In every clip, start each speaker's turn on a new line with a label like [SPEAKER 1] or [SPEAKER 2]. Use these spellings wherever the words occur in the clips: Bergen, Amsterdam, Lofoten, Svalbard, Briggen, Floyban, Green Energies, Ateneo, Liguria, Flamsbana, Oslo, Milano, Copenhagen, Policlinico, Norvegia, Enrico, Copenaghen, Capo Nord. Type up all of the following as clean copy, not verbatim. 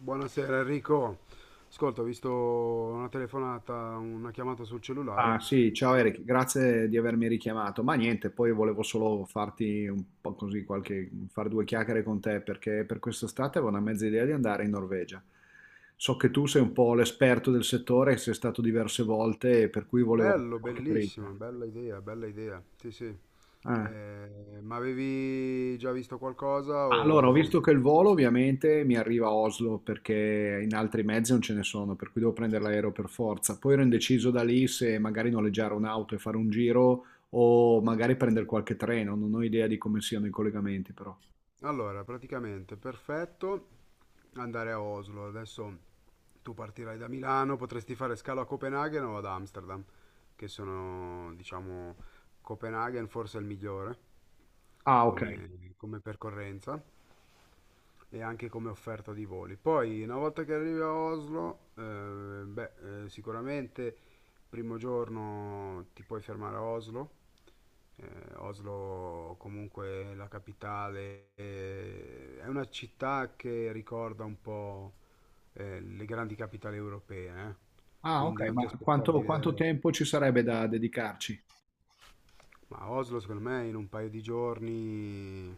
[SPEAKER 1] Buonasera Enrico. Ascolta, ho visto una telefonata, una chiamata sul cellulare.
[SPEAKER 2] Ah sì, ciao Eric, grazie di avermi richiamato. Ma niente, poi volevo solo farti un po' così far due chiacchiere con te perché per quest'estate avevo una mezza idea di andare in Norvegia. So che tu sei un po' l'esperto del settore, sei stato diverse volte, per cui volevo
[SPEAKER 1] Bello,
[SPEAKER 2] qualche
[SPEAKER 1] bellissimo,
[SPEAKER 2] dritta.
[SPEAKER 1] bella idea, bella idea. Sì, sì.
[SPEAKER 2] Eh.
[SPEAKER 1] Ma avevi già visto qualcosa
[SPEAKER 2] Allora, ho
[SPEAKER 1] o...
[SPEAKER 2] visto che il volo ovviamente mi arriva a Oslo perché in altri mezzi non ce ne sono, per cui devo prendere l'aereo per forza. Poi ero indeciso da lì se magari noleggiare un'auto e fare un giro o magari prendere qualche treno, non ho idea di come siano i collegamenti però.
[SPEAKER 1] Allora, praticamente perfetto andare a Oslo. Adesso tu partirai da Milano, potresti fare scalo a Copenaghen o ad Amsterdam, che sono, diciamo, Copenaghen forse è il migliore
[SPEAKER 2] Ah, ok.
[SPEAKER 1] come, come percorrenza. E anche come offerta di voli. Poi, una volta che arrivi a Oslo, beh, sicuramente primo giorno ti puoi fermare a Oslo. Oslo, comunque è la capitale, è una città che ricorda un po' le grandi capitali europee, eh.
[SPEAKER 2] Ah,
[SPEAKER 1] Quindi
[SPEAKER 2] ok,
[SPEAKER 1] non
[SPEAKER 2] ma
[SPEAKER 1] ti aspettare di
[SPEAKER 2] quanto
[SPEAKER 1] vedere...
[SPEAKER 2] tempo ci sarebbe da dedicarci?
[SPEAKER 1] Ma Oslo, secondo me, in un paio di giorni...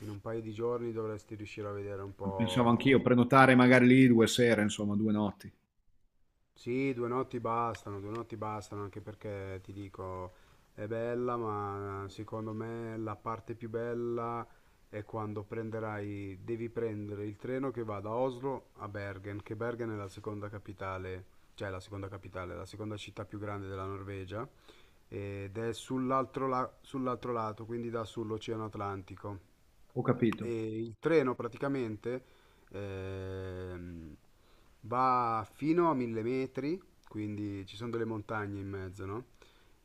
[SPEAKER 1] In un paio di giorni dovresti riuscire a vedere un
[SPEAKER 2] Pensavo anch'io,
[SPEAKER 1] po'.
[SPEAKER 2] prenotare magari lì due sere, insomma, due notti.
[SPEAKER 1] Sì, due notti bastano, anche perché ti dico, è bella, ma secondo me la parte più bella è quando prenderai, devi prendere il treno che va da Oslo a Bergen, che Bergen è la seconda capitale, cioè la seconda capitale, la seconda città più grande della Norvegia, ed è sull'altro la- sull'altro lato, quindi dà sull'Oceano Atlantico.
[SPEAKER 2] Ho capito.
[SPEAKER 1] E il treno praticamente ehm, va fino a 1000 metri, quindi ci sono delle montagne in mezzo, no?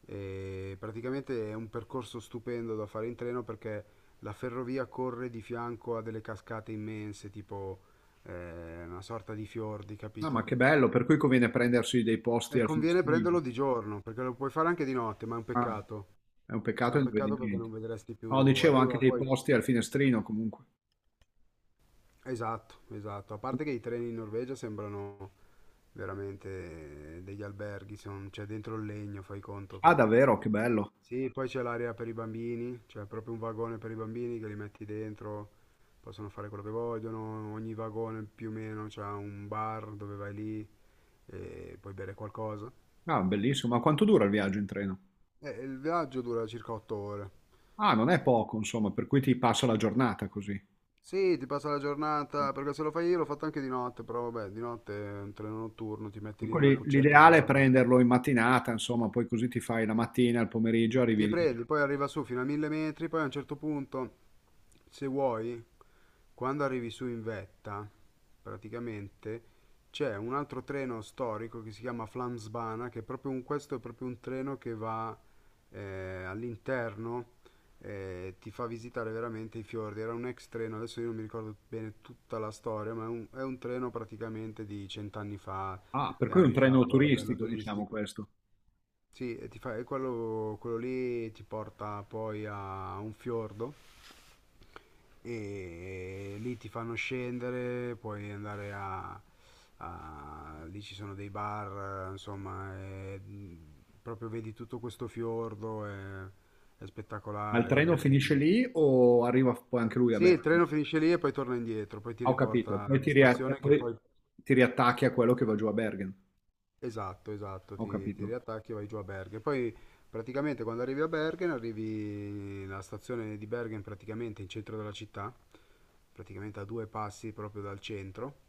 [SPEAKER 1] E praticamente è un percorso stupendo da fare in treno perché la ferrovia corre di fianco a delle cascate immense, tipo una sorta di fiordi,
[SPEAKER 2] No, ma
[SPEAKER 1] capito?
[SPEAKER 2] che bello, per cui conviene prendersi dei posti
[SPEAKER 1] E
[SPEAKER 2] al
[SPEAKER 1] conviene prenderlo
[SPEAKER 2] finestrino.
[SPEAKER 1] di giorno, perché lo puoi fare anche di notte, ma è un
[SPEAKER 2] Ah,
[SPEAKER 1] peccato.
[SPEAKER 2] è un
[SPEAKER 1] È
[SPEAKER 2] peccato che
[SPEAKER 1] un
[SPEAKER 2] non vedi
[SPEAKER 1] peccato perché
[SPEAKER 2] niente.
[SPEAKER 1] non vedresti più.
[SPEAKER 2] No, dicevo anche
[SPEAKER 1] Arriva
[SPEAKER 2] dei
[SPEAKER 1] poi.
[SPEAKER 2] posti al finestrino comunque.
[SPEAKER 1] Esatto, esatto. A parte che i treni in Norvegia sembrano veramente degli alberghi, son- c'è dentro il legno, fai conto
[SPEAKER 2] Ah,
[SPEAKER 1] che...
[SPEAKER 2] davvero, che bello.
[SPEAKER 1] Sì, poi c'è l'area per i bambini, c'è proprio un vagone per i bambini che li metti dentro, possono fare quello che vogliono, ogni vagone più o meno c'ha un bar dove vai lì e puoi bere qualcosa.
[SPEAKER 2] Ah, bellissimo. Ma quanto dura il viaggio in treno?
[SPEAKER 1] E il viaggio dura circa 8 ore.
[SPEAKER 2] Ah, non è poco, insomma, per cui ti passa la giornata così.
[SPEAKER 1] Sì, ti passa la giornata, perché se lo fai, io l'ho fatto anche di notte, però vabbè, di notte è un treno notturno, ti metti
[SPEAKER 2] Per
[SPEAKER 1] lì nella
[SPEAKER 2] cui
[SPEAKER 1] cuccetta e
[SPEAKER 2] l'ideale è
[SPEAKER 1] dormi.
[SPEAKER 2] prenderlo in mattinata, insomma, poi così ti fai la mattina, il pomeriggio, arrivi
[SPEAKER 1] Ti
[SPEAKER 2] lì.
[SPEAKER 1] prendi, poi arriva su fino a 1000 metri, poi a un certo punto, se vuoi, quando arrivi su in vetta, praticamente c'è un altro treno storico che si chiama Flamsbana, che è proprio un, questo è proprio un treno che va all'interno e ti fa visitare veramente i fiordi. Era un ex treno, adesso io non mi ricordo bene tutta la storia, ma è un treno praticamente di cent'anni fa
[SPEAKER 2] Ah, per
[SPEAKER 1] che
[SPEAKER 2] cui è
[SPEAKER 1] hanno
[SPEAKER 2] un treno
[SPEAKER 1] rifatto a livello
[SPEAKER 2] turistico, diciamo
[SPEAKER 1] turistico.
[SPEAKER 2] questo.
[SPEAKER 1] Sì, e ti fa- e quello lì ti porta poi a un fiordo e lì ti fanno scendere, puoi andare a, a- lì ci sono dei bar, insomma, e, proprio vedi tutto questo fiordo, è
[SPEAKER 2] Ma il
[SPEAKER 1] spettacolare,
[SPEAKER 2] treno finisce
[SPEAKER 1] vedi...
[SPEAKER 2] lì o arriva poi anche lui a
[SPEAKER 1] Sì, il
[SPEAKER 2] Bergen?
[SPEAKER 1] treno finisce lì e poi torna indietro, poi ti
[SPEAKER 2] Ah, ho capito.
[SPEAKER 1] riporta
[SPEAKER 2] Poi
[SPEAKER 1] alla
[SPEAKER 2] ti, ria- e
[SPEAKER 1] stazione che
[SPEAKER 2] poi
[SPEAKER 1] poi...
[SPEAKER 2] ti riattacchi a quello che va giù a Bergen.
[SPEAKER 1] Esatto, esatto,
[SPEAKER 2] Ho
[SPEAKER 1] ti
[SPEAKER 2] capito.
[SPEAKER 1] riattacchi e vai giù a Bergen. Poi praticamente quando arrivi a Bergen, arrivi nella stazione di Bergen, praticamente in centro della città, praticamente a due passi proprio dal centro.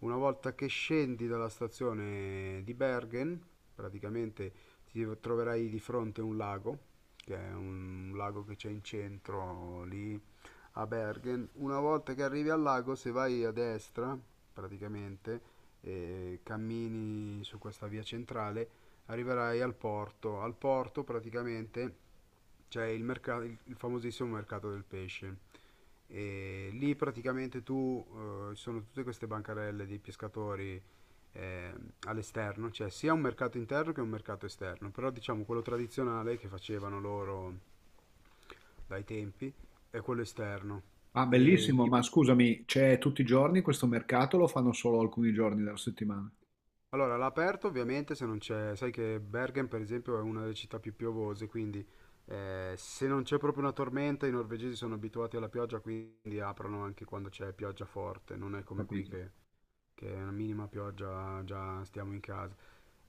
[SPEAKER 1] Una volta che scendi dalla stazione di Bergen, praticamente ti troverai di fronte un lago, che è un lago che c'è in centro lì a Bergen, una volta che arrivi al lago, se vai a destra, praticamente, e cammini su questa via centrale, arriverai al porto. Al porto, praticamente, c'è il mercato, il famosissimo mercato del pesce. E lì praticamente tu ci sono tutte queste bancarelle dei pescatori eh, all'esterno, c'è sia un mercato interno che un mercato esterno, però diciamo quello tradizionale che facevano loro dai tempi è quello esterno.
[SPEAKER 2] Ah,
[SPEAKER 1] E
[SPEAKER 2] bellissimo,
[SPEAKER 1] lì-
[SPEAKER 2] ma scusami, c'è tutti i giorni questo mercato o lo fanno solo alcuni giorni della settimana?
[SPEAKER 1] allora, all'aperto ovviamente se non c'è, sai che Bergen per esempio è una delle città più piovose, quindi se non c'è proprio una tormenta, i norvegesi sono abituati alla pioggia, quindi aprono anche quando c'è pioggia forte, non è
[SPEAKER 2] Ho
[SPEAKER 1] come qui
[SPEAKER 2] capito.
[SPEAKER 1] che è una minima pioggia, già stiamo in casa.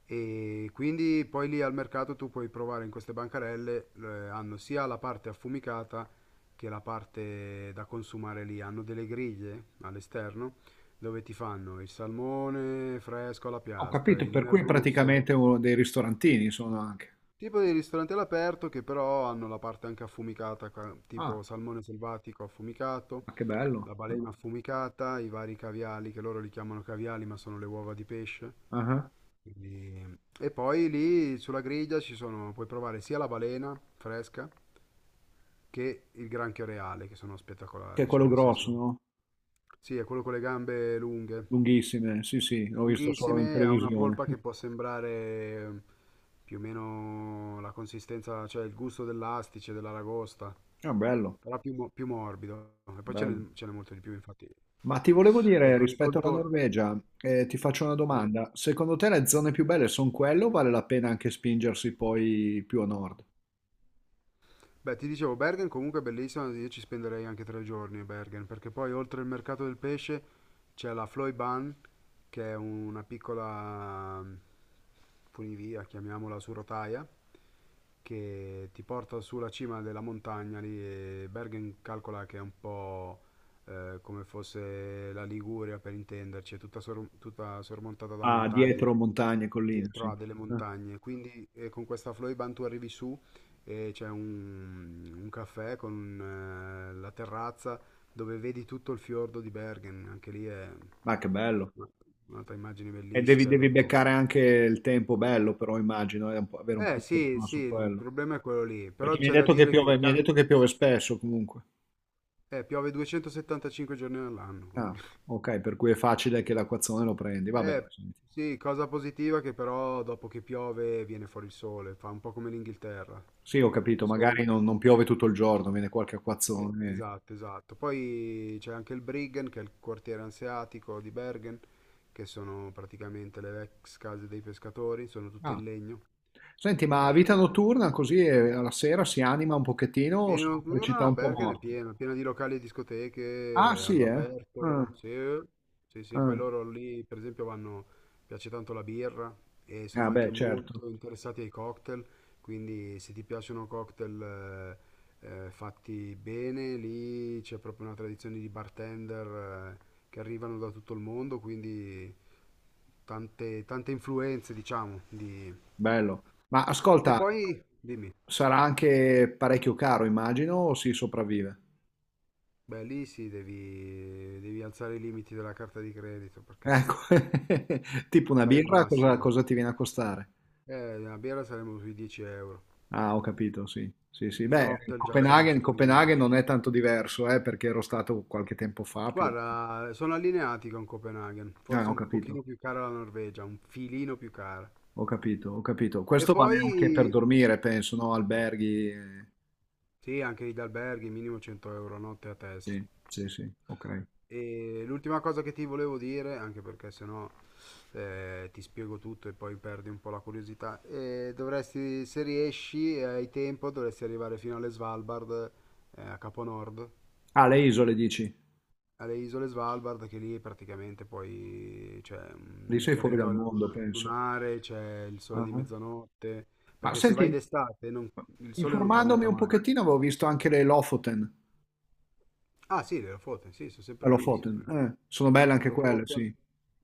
[SPEAKER 1] E quindi poi lì al mercato tu puoi provare in queste bancarelle, hanno sia la parte affumicata che la parte da consumare lì, hanno delle griglie all'esterno dove ti fanno il salmone fresco alla
[SPEAKER 2] Ho
[SPEAKER 1] piastra,
[SPEAKER 2] capito,
[SPEAKER 1] il
[SPEAKER 2] per cui è
[SPEAKER 1] merluzzo,
[SPEAKER 2] praticamente uno dei ristorantini sono anche.
[SPEAKER 1] tipo dei ristoranti all'aperto che però hanno la parte anche affumicata, ca-
[SPEAKER 2] Ah,
[SPEAKER 1] tipo salmone selvatico affumicato,
[SPEAKER 2] ma che bello.
[SPEAKER 1] la balena affumicata, i vari caviali che loro li chiamano caviali ma sono le uova di pesce.
[SPEAKER 2] Ah, ah.
[SPEAKER 1] E poi lì sulla griglia ci sono, puoi provare sia la balena fresca che il granchio reale, che sono
[SPEAKER 2] Che è
[SPEAKER 1] spettacolari, cioè
[SPEAKER 2] quello
[SPEAKER 1] nel
[SPEAKER 2] grosso,
[SPEAKER 1] senso,
[SPEAKER 2] no?
[SPEAKER 1] sì, è quello con le gambe lunghe,
[SPEAKER 2] Lunghissime, sì, sì, l'ho visto solo in
[SPEAKER 1] lunghissime, ha una
[SPEAKER 2] televisione.
[SPEAKER 1] polpa che può sembrare più o meno la consistenza, cioè il gusto dell'astice, dell'aragosta,
[SPEAKER 2] Ah, bello,
[SPEAKER 1] però più, mo- più morbido. E poi ce
[SPEAKER 2] bello.
[SPEAKER 1] n'è ce n'è molto di più, infatti.
[SPEAKER 2] Ma ti volevo
[SPEAKER 1] E
[SPEAKER 2] dire,
[SPEAKER 1] con il
[SPEAKER 2] rispetto alla
[SPEAKER 1] contorno.
[SPEAKER 2] Norvegia, ti faccio una
[SPEAKER 1] Sì.
[SPEAKER 2] domanda. Secondo te le zone più belle sono quelle o vale la pena anche spingersi poi più a nord?
[SPEAKER 1] Beh, ti dicevo, Bergen comunque è bellissima, io ci spenderei anche 3 giorni a Bergen, perché poi oltre il mercato del pesce c'è la Floyban, che è una piccola funivia, chiamiamola su rotaia, che ti porta sulla cima della montagna lì, e Bergen calcola che è un po' come fosse la Liguria, per intenderci, è tutta, sor- tutta sormontata da
[SPEAKER 2] Ah,
[SPEAKER 1] montagne,
[SPEAKER 2] dietro montagne, colline, sì.
[SPEAKER 1] dietro a delle
[SPEAKER 2] Eh?
[SPEAKER 1] montagne, quindi con questa Floyban tu arrivi su e c'è un caffè con la terrazza dove vedi tutto il fiordo di Bergen, anche lì è
[SPEAKER 2] Ma che bello.
[SPEAKER 1] una- un'altra immagine
[SPEAKER 2] E
[SPEAKER 1] bellissima,
[SPEAKER 2] devi,
[SPEAKER 1] cioè
[SPEAKER 2] devi
[SPEAKER 1] proprio...
[SPEAKER 2] beccare anche il tempo bello, però immagino, e avere un po'
[SPEAKER 1] Eh
[SPEAKER 2] di
[SPEAKER 1] sì,
[SPEAKER 2] fortuna
[SPEAKER 1] sì,
[SPEAKER 2] su
[SPEAKER 1] il
[SPEAKER 2] quello.
[SPEAKER 1] problema è quello lì,
[SPEAKER 2] Perché
[SPEAKER 1] però c'è da dire che il
[SPEAKER 2] mi hai
[SPEAKER 1] ca-
[SPEAKER 2] detto che piove spesso comunque.
[SPEAKER 1] piove 275 giorni all'anno,
[SPEAKER 2] Ah,
[SPEAKER 1] quindi...
[SPEAKER 2] ok, per cui è facile che l'acquazzone lo prendi. Vabbè,
[SPEAKER 1] Eh
[SPEAKER 2] senti.
[SPEAKER 1] sì, cosa positiva che però dopo che piove viene fuori il sole, fa un po' come l'Inghilterra.
[SPEAKER 2] Sì, ho capito, magari non piove tutto il giorno, viene qualche acquazzone.
[SPEAKER 1] Esatto, esatto. Poi c'è anche il Briggen, che è il quartiere anseatico di Bergen, che sono praticamente le ex case dei pescatori, sono tutte
[SPEAKER 2] Ah.
[SPEAKER 1] in legno.
[SPEAKER 2] Senti, ma vita
[SPEAKER 1] E
[SPEAKER 2] notturna così alla sera si anima un pochettino o
[SPEAKER 1] vieni
[SPEAKER 2] sono per città
[SPEAKER 1] notturna a
[SPEAKER 2] un po'
[SPEAKER 1] Bergen è
[SPEAKER 2] morte?
[SPEAKER 1] piena, piena di locali e
[SPEAKER 2] Ah,
[SPEAKER 1] discoteche
[SPEAKER 2] sì, eh? Ah,
[SPEAKER 1] all'aperto, sì, sì, sì, poi
[SPEAKER 2] ah.
[SPEAKER 1] loro lì per esempio vanno, piace tanto la birra e
[SPEAKER 2] Ah,
[SPEAKER 1] sono anche
[SPEAKER 2] beh, certo.
[SPEAKER 1] molto interessati ai cocktail, quindi se ti piacciono cocktail, fatti bene, lì c'è proprio una tradizione di bartender eh, che arrivano da tutto il mondo, quindi tante, tante influenze diciamo di...
[SPEAKER 2] Bello. Ma
[SPEAKER 1] E
[SPEAKER 2] ascolta,
[SPEAKER 1] poi, dimmi.
[SPEAKER 2] sarà anche parecchio caro, immagino, o si sopravvive?
[SPEAKER 1] Beh, lì sì, devi, devi alzare i limiti della carta di credito perché
[SPEAKER 2] Ecco, tipo una
[SPEAKER 1] fai il
[SPEAKER 2] birra, cosa,
[SPEAKER 1] massimo.
[SPEAKER 2] cosa ti viene a costare?
[SPEAKER 1] La birra saremo sui 10 euro,
[SPEAKER 2] Ah, ho capito, sì. Sì, sì.
[SPEAKER 1] il
[SPEAKER 2] Beh,
[SPEAKER 1] cocktail già siamo
[SPEAKER 2] Copenaghen,
[SPEAKER 1] su
[SPEAKER 2] Copenaghen
[SPEAKER 1] 15.
[SPEAKER 2] non è tanto diverso, perché ero stato qualche tempo fa più.
[SPEAKER 1] Guarda, sono allineati con Copenaghen,
[SPEAKER 2] Ah,
[SPEAKER 1] forse
[SPEAKER 2] ho
[SPEAKER 1] un
[SPEAKER 2] capito,
[SPEAKER 1] pochino più cara la Norvegia, un filino più cara.
[SPEAKER 2] ho capito, ho capito.
[SPEAKER 1] E
[SPEAKER 2] Questo vale anche per
[SPEAKER 1] poi,
[SPEAKER 2] dormire, penso, no? Alberghi.
[SPEAKER 1] sì, anche gli alberghi, minimo 100 € a notte a testa.
[SPEAKER 2] Sì, sì, sì, ok.
[SPEAKER 1] E l'ultima cosa che ti volevo dire, anche perché sennò ti spiego tutto e poi perdi un po' la curiosità, dovresti, se riesci e hai tempo, dovresti arrivare fino alle Svalbard, a Capo Nord,
[SPEAKER 2] Ah, le isole dici?
[SPEAKER 1] alle isole Svalbard, che lì praticamente poi c'è
[SPEAKER 2] Lì
[SPEAKER 1] un
[SPEAKER 2] sei fuori dal
[SPEAKER 1] territorio
[SPEAKER 2] mondo,
[SPEAKER 1] luna-
[SPEAKER 2] penso.
[SPEAKER 1] lunare, c'è il sole
[SPEAKER 2] Ah,
[SPEAKER 1] di
[SPEAKER 2] ah.
[SPEAKER 1] mezzanotte,
[SPEAKER 2] Ma
[SPEAKER 1] perché se vai
[SPEAKER 2] senti,
[SPEAKER 1] d'estate non- il sole non
[SPEAKER 2] informandomi
[SPEAKER 1] tramonta
[SPEAKER 2] un
[SPEAKER 1] mai.
[SPEAKER 2] pochettino avevo visto anche le Lofoten.
[SPEAKER 1] Ah sì, le Lofoten, sì, sono sempre lì,
[SPEAKER 2] Lofoten,
[SPEAKER 1] sempre lì.
[SPEAKER 2] sono belle anche
[SPEAKER 1] Lo
[SPEAKER 2] quelle,
[SPEAKER 1] fu- con-
[SPEAKER 2] sì.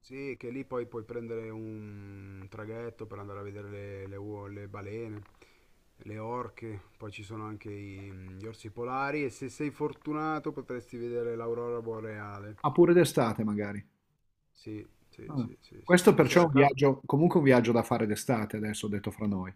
[SPEAKER 1] sì, che lì poi puoi prendere un traghetto per andare a vedere le uo- le balene, le orche, poi ci sono anche i- gli orsi polari e se sei fortunato potresti vedere l'aurora boreale.
[SPEAKER 2] Ah, pure d'estate magari.
[SPEAKER 1] Sì, sì,
[SPEAKER 2] Ah.
[SPEAKER 1] sì, sì, sì.
[SPEAKER 2] Questo
[SPEAKER 1] Di
[SPEAKER 2] perciò è
[SPEAKER 1] sera,
[SPEAKER 2] un
[SPEAKER 1] cal-
[SPEAKER 2] viaggio, comunque un viaggio da fare d'estate, adesso ho detto fra noi.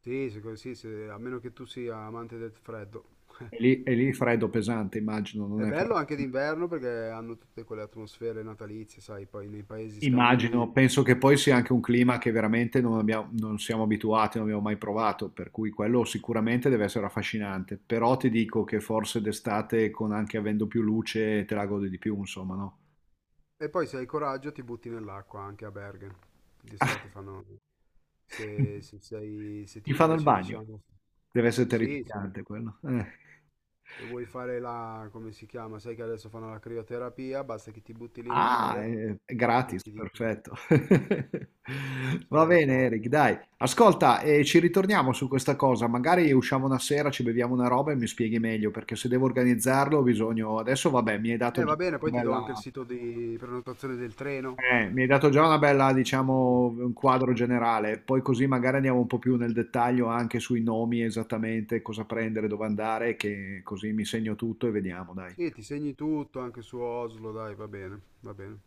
[SPEAKER 1] sì, se- a meno che tu sia amante del freddo.
[SPEAKER 2] E lì, e lì freddo pesante, immagino, non
[SPEAKER 1] È
[SPEAKER 2] è
[SPEAKER 1] bello anche
[SPEAKER 2] freddo.
[SPEAKER 1] d'inverno perché hanno tutte quelle atmosfere natalizie, sai, poi nei paesi scandinavi.
[SPEAKER 2] Immagino, penso che poi sia anche un clima che veramente non siamo abituati, non abbiamo mai provato, per cui quello sicuramente deve essere affascinante, però ti dico che forse d'estate, con anche avendo più luce, te la godi di più, insomma, no?
[SPEAKER 1] E poi se hai coraggio ti butti nell'acqua anche a Bergen. D'estate fanno... Se, se sei- se
[SPEAKER 2] Gli
[SPEAKER 1] ti
[SPEAKER 2] fanno il
[SPEAKER 1] piace,
[SPEAKER 2] bagno.
[SPEAKER 1] diciamo...
[SPEAKER 2] Dev'essere
[SPEAKER 1] Sì, se,
[SPEAKER 2] terrificante quello, eh.
[SPEAKER 1] se vuoi fare la... come si chiama? Sai che adesso fanno la crioterapia, basta che ti butti lì nel
[SPEAKER 2] Ah,
[SPEAKER 1] mare
[SPEAKER 2] è
[SPEAKER 1] e
[SPEAKER 2] gratis,
[SPEAKER 1] ti dico
[SPEAKER 2] perfetto.
[SPEAKER 1] sei
[SPEAKER 2] Va
[SPEAKER 1] al
[SPEAKER 2] bene
[SPEAKER 1] top.
[SPEAKER 2] Eric, dai. Ascolta, ci ritorniamo su questa cosa, magari usciamo una sera, ci beviamo una roba e mi spieghi meglio, perché se devo organizzarlo ho bisogno adesso vabbè,
[SPEAKER 1] Va bene, poi
[SPEAKER 2] una
[SPEAKER 1] ti do
[SPEAKER 2] bella
[SPEAKER 1] anche il sito di prenotazione del treno.
[SPEAKER 2] Mi hai dato già una bella,
[SPEAKER 1] Mm.
[SPEAKER 2] diciamo, un quadro generale, poi così magari andiamo un po' più nel dettaglio anche sui nomi esattamente, cosa prendere, dove andare, che così mi segno tutto e vediamo, dai.
[SPEAKER 1] Sì, ti segni tutto anche su Oslo, dai, va bene, va bene.